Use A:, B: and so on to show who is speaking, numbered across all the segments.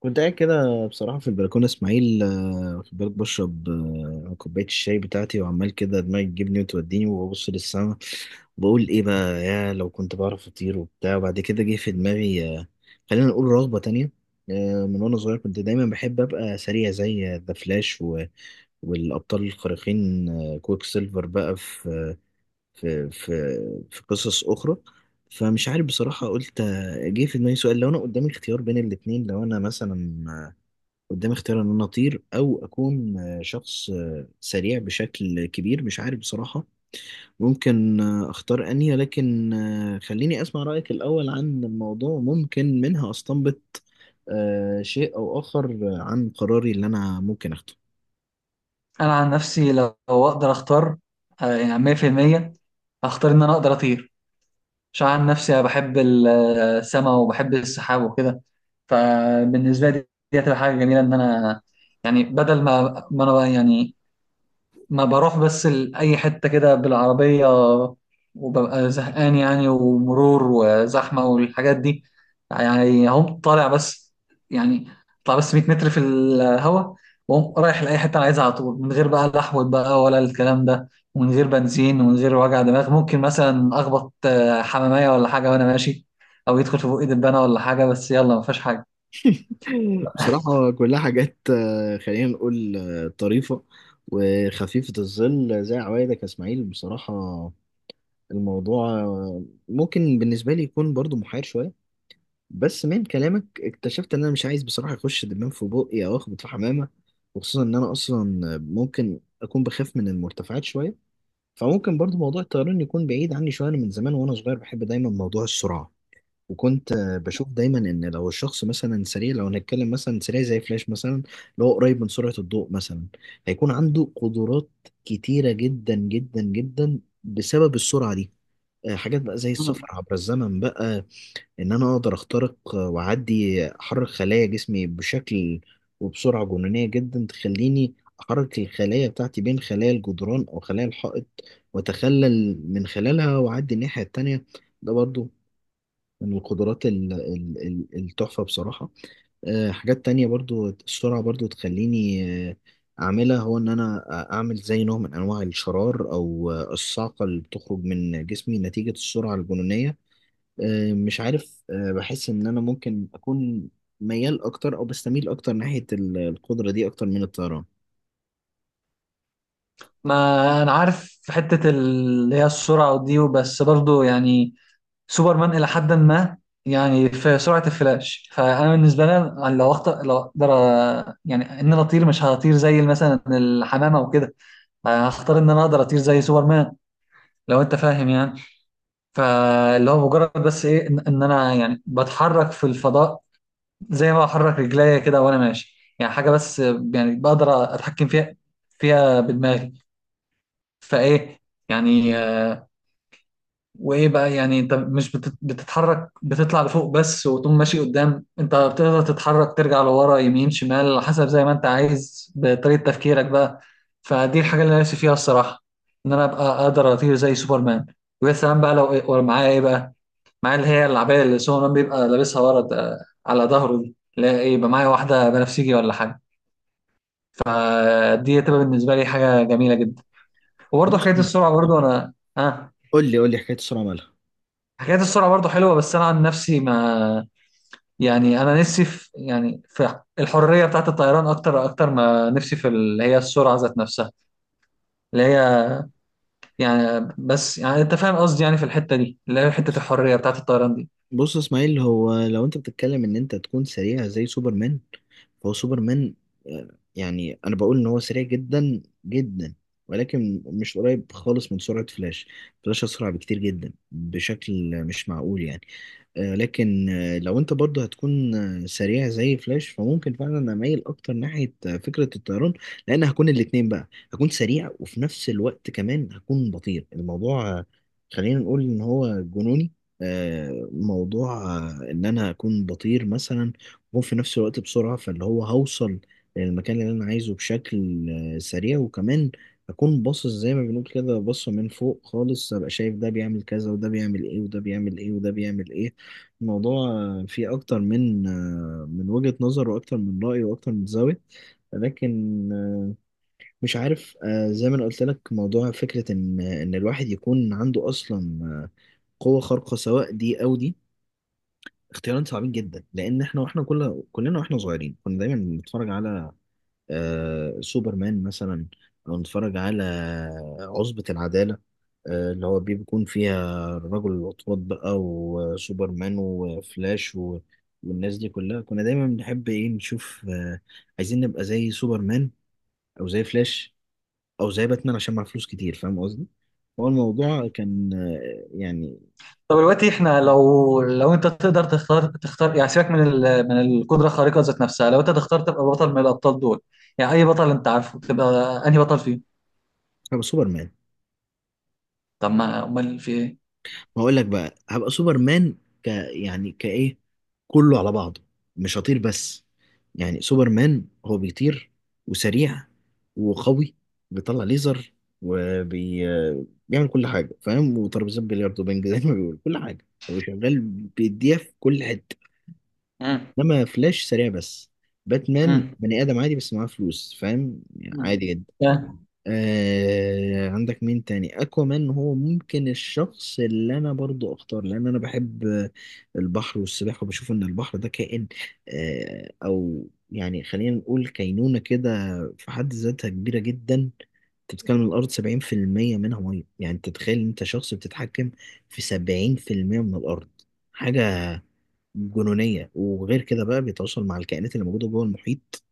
A: كنت قاعد كده بصراحة في البلكونة إسماعيل، واخد بالك بشرب كوباية الشاي بتاعتي وعمال كده دماغي تجيبني وتوديني وببص للسما. بقول إيه بقى يا لو كنت بعرف أطير وبتاع. وبعد كده جه في دماغي، خلينا نقول رغبة تانية. من وأنا صغير كنت دايما بحب أبقى سريع زي ذا فلاش والأبطال الخارقين، كويك سيلفر بقى في في في قصص أخرى. فمش عارف بصراحة، قلت جه في دماغي سؤال: لو أنا قدامي اختيار بين الاتنين، لو أنا مثلا قدامي اختيار ان انا اطير او اكون شخص سريع بشكل كبير. مش عارف بصراحة ممكن اختار انهي، لكن خليني اسمع رأيك الاول عن الموضوع، ممكن منها استنبط شيء او اخر عن قراري اللي انا ممكن اخده.
B: انا عن نفسي لو اقدر اختار يعني 100% اختار ان انا اقدر اطير، عشان عن نفسي انا بحب السماء وبحب السحاب وكده. فبالنسبه لي دي هتبقى حاجه جميله، ان انا يعني بدل ما انا بقى يعني ما بروح بس لأي حتة كده بالعربية وببقى زهقان يعني، ومرور وزحمة والحاجات دي. يعني هم طالع بس، يعني طالع بس 100 متر في الهوا، وهم رايح لأي حتة أنا عايزها على طول، من غير بقى لحوة بقى ولا الكلام ده، ومن غير بنزين ومن غير وجع دماغ. ممكن مثلا أخبط حمامية ولا حاجة وأنا ماشي، أو يدخل في بقي دبانة ولا حاجة، بس يلا ما فيهاش حاجة.
A: بصراحة كلها حاجات خلينا نقول طريفة وخفيفة الظل، زي عوايدك يا اسماعيل. بصراحة الموضوع ممكن بالنسبة لي يكون برضو محير شوية. بس من كلامك اكتشفت ان انا مش عايز بصراحه اخش دبان في بقي او اخبط في حمامه. وخصوصا ان انا اصلا ممكن اكون بخاف من المرتفعات شويه. فممكن برضو موضوع الطيران يكون بعيد عني شويه. انا من زمان وانا صغير بحب دايما موضوع السرعه، وكنت بشوف دايما ان لو الشخص مثلا سريع، لو هنتكلم مثلا سريع زي فلاش مثلا اللي هو قريب من سرعه الضوء مثلا، هيكون عنده قدرات كتيره جدا جدا جدا بسبب السرعه دي. حاجات بقى زي
B: مم.
A: السفر عبر الزمن بقى، ان انا اقدر اخترق واعدي، احرك خلايا جسمي بشكل وبسرعه جنونيه جدا تخليني احرك الخلايا بتاعتي بين خلايا الجدران او خلايا الحائط واتخلل من خلالها واعدي الناحيه التانيه. ده برضو من القدرات التحفه بصراحه. حاجات تانية، برضو السرعه برضو تخليني آه، اعملها، هو ان انا اعمل زي نوع من انواع الشرار او الصعقه اللي بتخرج من جسمي نتيجه السرعه الجنونيه. مش عارف، بحس ان انا ممكن اكون ميال اكتر او بستميل اكتر ناحية القدرة دي اكتر من الطيران.
B: ما أنا عارف في حتة اللي هي السرعة ودي، بس برضو يعني سوبرمان الى حد ما. يعني في سرعه الفلاش، فانا بالنسبه لي لو اخطر، لو اقدر يعني ان انا اطير، مش هطير زي مثلا الحمامه وكده، هختار ان انا اقدر اطير زي سوبرمان، لو انت فاهم يعني. فاللي هو مجرد بس ايه، ان إن انا يعني بتحرك في الفضاء زي ما بحرك رجليا كده وانا ماشي، يعني حاجه بس يعني بقدر اتحكم فيها بدماغي. فايه يعني. وايه بقى، يعني انت مش بتتحرك بتطلع لفوق بس وتقوم ماشي قدام، انت بتقدر تتحرك ترجع لورا يمين شمال على حسب زي ما انت عايز بطريقة تفكيرك بقى. فدي الحاجة اللي انا نفسي فيها الصراحة، ان انا ابقى اقدر اطير زي سوبرمان. ويا سلام بقى لو معايا ايه بقى، معايا اللي هي العباية اللي سوبرمان بيبقى لابسها على ظهره دي، لا ايه يبقى معايا واحدة بنفسجي ولا حاجة. فدي هتبقى بالنسبة لي حاجة جميلة جدا. وبرضه
A: بص،
B: حكاية السرعة، برضه انا
A: قول لي قول لي حكاية السرعة مالها.
B: حكاية السرعة برضه حلوة، بس انا عن نفسي ما، يعني انا نفسي في، يعني في الحريه بتاعت الطيران اكتر، اكتر ما نفسي في اللي هي السرعه ذات نفسها. اللي هي يعني بس يعني انت فاهم قصدي، يعني في الحته دي اللي هي حته
A: بص
B: الحريه بتاعت الطيران دي.
A: بص يا اسماعيل، هو لو انت بتتكلم ان انت تكون سريع زي سوبرمان، فهو سوبرمان يعني انا بقول ان هو سريع جدا جدا، ولكن مش قريب خالص من سرعة فلاش. فلاش اسرع بكتير جدا بشكل مش معقول يعني. لكن لو انت برضه هتكون سريع زي فلاش، فممكن فعلا اميل اكتر ناحية فكرة الطيران، لان هكون الاتنين بقى، هكون سريع وفي نفس الوقت كمان هكون بطير. الموضوع خلينا نقول ان هو جنوني. موضوع ان انا اكون بطير مثلا وفي نفس الوقت بسرعة، فاللي هو هوصل للمكان اللي انا عايزه بشكل سريع، وكمان اكون باصص زي ما بنقول كده، باصه من فوق خالص، ابقى شايف ده بيعمل كذا وده بيعمل ايه وده بيعمل ايه وده بيعمل ايه. الموضوع فيه أكتر من وجهة نظر، وأكتر من رأي، وأكتر من زاوية. لكن مش عارف، زي ما أنا قلت لك، موضوع فكرة إن الواحد يكون عنده أصلا قوة خارقة سواء دي أو دي، اختيارين صعبين جدا. لأن إحنا وإحنا كلنا وإحنا صغيرين كنا دايما بنتفرج على آه سوبرمان مثلا، لو نتفرج على عصبة العدالة، آه اللي هو بيكون فيها رجل الأطوات بقى وسوبرمان وفلاش و... والناس دي كلها، كنا دايما بنحب ايه نشوف، آه عايزين نبقى زي سوبرمان أو زي فلاش أو زي باتمان عشان معاه فلوس كتير، فاهم قصدي؟ هو الموضوع
B: مم.
A: كان آه يعني
B: طب دلوقتي احنا لو انت تقدر تختار تختار، يعني سيبك من ال... من القدره الخارقه ذات نفسها، لو انت تختار تبقى بطل من الابطال دول، يعني اي بطل انت عارفه، تبقى انهي بطل فيهم؟
A: هو سوبرمان.
B: طب ما امال في ايه؟
A: هقول لك بقى هبقى سوبرمان، يعني كايه كله على بعضه. مش هطير بس، يعني سوبرمان هو بيطير وسريع وقوي، بيطلع ليزر وبيعمل كل حاجه فاهم، وترابيزات بلياردو وبنج زي ما بيقول، كل حاجه هو شغال بيديها في كل حته.
B: مم.
A: انما فلاش سريع بس. باتمان
B: مم.
A: بني ادم عادي بس معاه فلوس، فاهم يعني،
B: مم.
A: عادي جدا.
B: يعني
A: آه عندك مين تاني، اكوامان. هو ممكن الشخص اللي انا برضو اختار، لان انا بحب البحر والسباحه، وبشوف ان البحر ده كائن، او يعني خلينا نقول كينونه كده، في حد ذاتها كبيره جدا. انت بتتكلم الارض 70% منها ميه، يعني انت تتخيل إن انت شخص بتتحكم في 70% من الارض، حاجه جنونيه. وغير كده بقى بيتواصل مع الكائنات اللي موجوده جوه المحيط.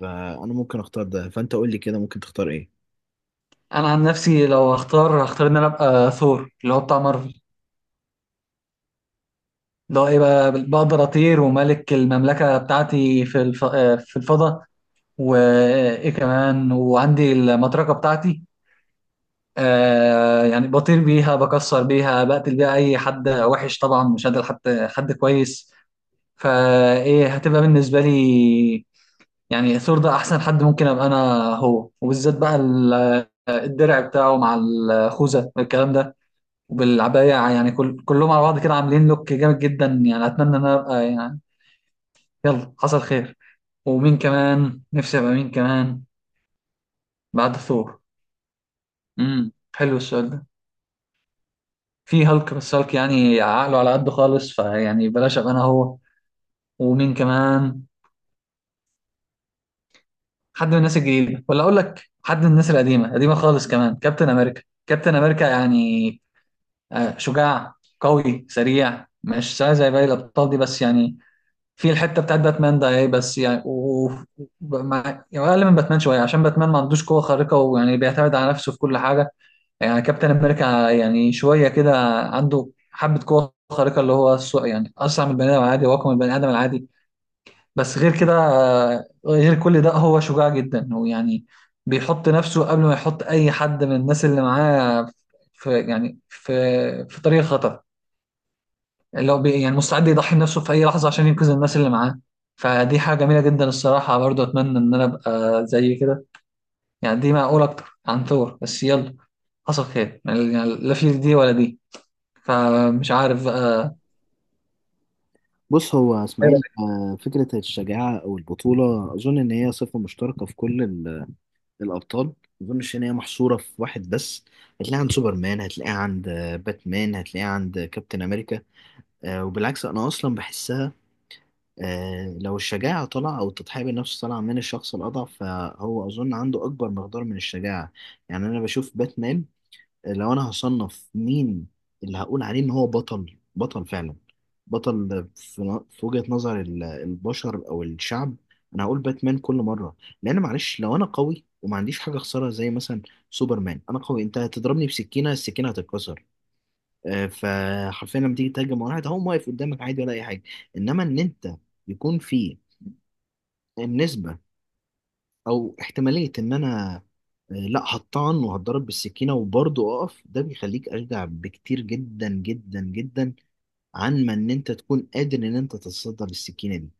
A: فانا ممكن اختار ده، فانت قول لي كده ممكن تختار ايه.
B: انا عن نفسي لو هختار، هختار ان انا ابقى ثور اللي هو بتاع مارفل، اللي هو ايه بقى، بقدر اطير وملك المملكه بتاعتي في الف... آه، في الفضاء، وايه كمان، وعندي المطرقه بتاعتي. آه يعني بطير بيها، بكسر بيها، بقتل بيها اي حد وحش طبعا، مش قادر حد، حد كويس. فايه هتبقى بالنسبه لي، يعني ثور ده احسن حد ممكن ابقى انا هو، وبالذات بقى الدرع بتاعه مع الخوذه والكلام ده، وبالعبايه، يعني كل كلهم على بعض كده عاملين لوك جامد جدا. يعني اتمنى ان انا ابقى يعني، يلا حصل خير. ومين كمان نفسي ابقى، مين كمان بعد ثور؟ حلو السؤال ده. في هالك، بس هالك يعني عقله على قده خالص، فيعني بلاش ابقى انا هو. ومين كمان، حد من الناس الجديده، ولا اقول لك حد من الناس القديمه، قديمه خالص كمان، كابتن امريكا. كابتن امريكا يعني شجاع، قوي، سريع، مش سريع زي باقي الابطال دي بس يعني في الحته بتاعت باتمان ده ايه، بس يعني يعني اقل من باتمان شويه، عشان باتمان ما عندوش قوه خارقه، ويعني بيعتمد على نفسه في كل حاجه. يعني كابتن امريكا يعني شويه كده، عنده حبه قوه خارقه، اللي هو يعني اسرع من البني ادم العادي واقوى من البني ادم العادي. بس غير كده غير كل ده هو شجاع جدا، ويعني بيحط نفسه قبل ما يحط اي حد من الناس اللي معاه في، يعني في طريق خطر، اللي هو يعني مستعد يضحي بنفسه في اي لحظه عشان ينقذ الناس اللي معاه. فدي حاجه جميله جدا الصراحه، برضو اتمنى ان انا ابقى زي كده. يعني دي معقوله اكتر عن ثور، بس يلا حصل خير يعني، لا في دي ولا دي، فمش عارف بقى.
A: بص هو اسماعيل، فكرة الشجاعة أو البطولة أظن إن هي صفة مشتركة في كل الأبطال. ما أظنش إن هي محصورة في واحد بس، هتلاقيها عند سوبرمان، هتلاقيها عند باتمان، هتلاقيها عند كابتن أمريكا. وبالعكس، أنا أصلا بحسها، لو الشجاعة طالعة أو التضحية بالنفس طالعة من الشخص الأضعف، فهو أظن عنده أكبر مقدار من الشجاعة. يعني أنا بشوف باتمان، لو انا هصنف مين اللي هقول عليه ان هو بطل بطل فعلا، بطل في وجهة نظر البشر او الشعب، انا هقول باتمان كل مرة. لان معلش، لو انا قوي وما عنديش حاجة اخسرها زي مثلا سوبرمان، انا قوي، انت هتضربني بسكينة السكينة هتتكسر، فحرفيا لما تيجي تهاجم على واحد هقوم واقف قدامك عادي ولا اي حاجة. انما ان انت يكون في النسبة او احتماليه ان انا لا هطعن وهتضرب بالسكينه وبرضه اقف، ده بيخليك اشجع بكتير جدا جدا جدا عن ما ان انت تكون قادر ان انت تتصدى للسكينه دي.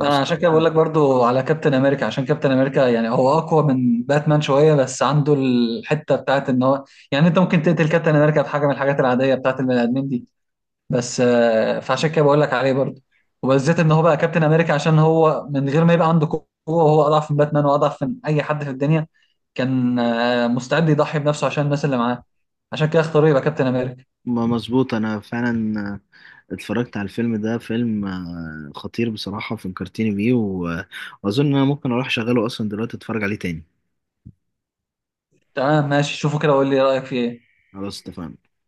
B: انا عشان كده بقول لك برضو على كابتن امريكا، عشان كابتن امريكا يعني هو اقوى من باتمان شويه، بس عنده الحته بتاعت ان هو، يعني انت ممكن تقتل كابتن امريكا بحاجه من الحاجات العاديه بتاعت البني ادمين دي بس، فعشان كده بقول لك عليه برضو. وبالذات ان هو بقى كابتن امريكا، عشان هو من غير ما يبقى عنده قوه، وهو اضعف من باتمان واضعف من اي حد في الدنيا، كان مستعد يضحي بنفسه عشان الناس اللي معاه، عشان كده اختاروا يبقى كابتن امريكا.
A: ما مظبوط، انا فعلا اتفرجت على الفيلم ده، فيلم خطير بصراحه، فكرتني بيه واظن انا ممكن اروح اشغله اصلا دلوقتي اتفرج عليه تاني.
B: تمام ماشي، شوفوا كده وقول لي رايك فيه ايه.
A: خلاص اتفقنا.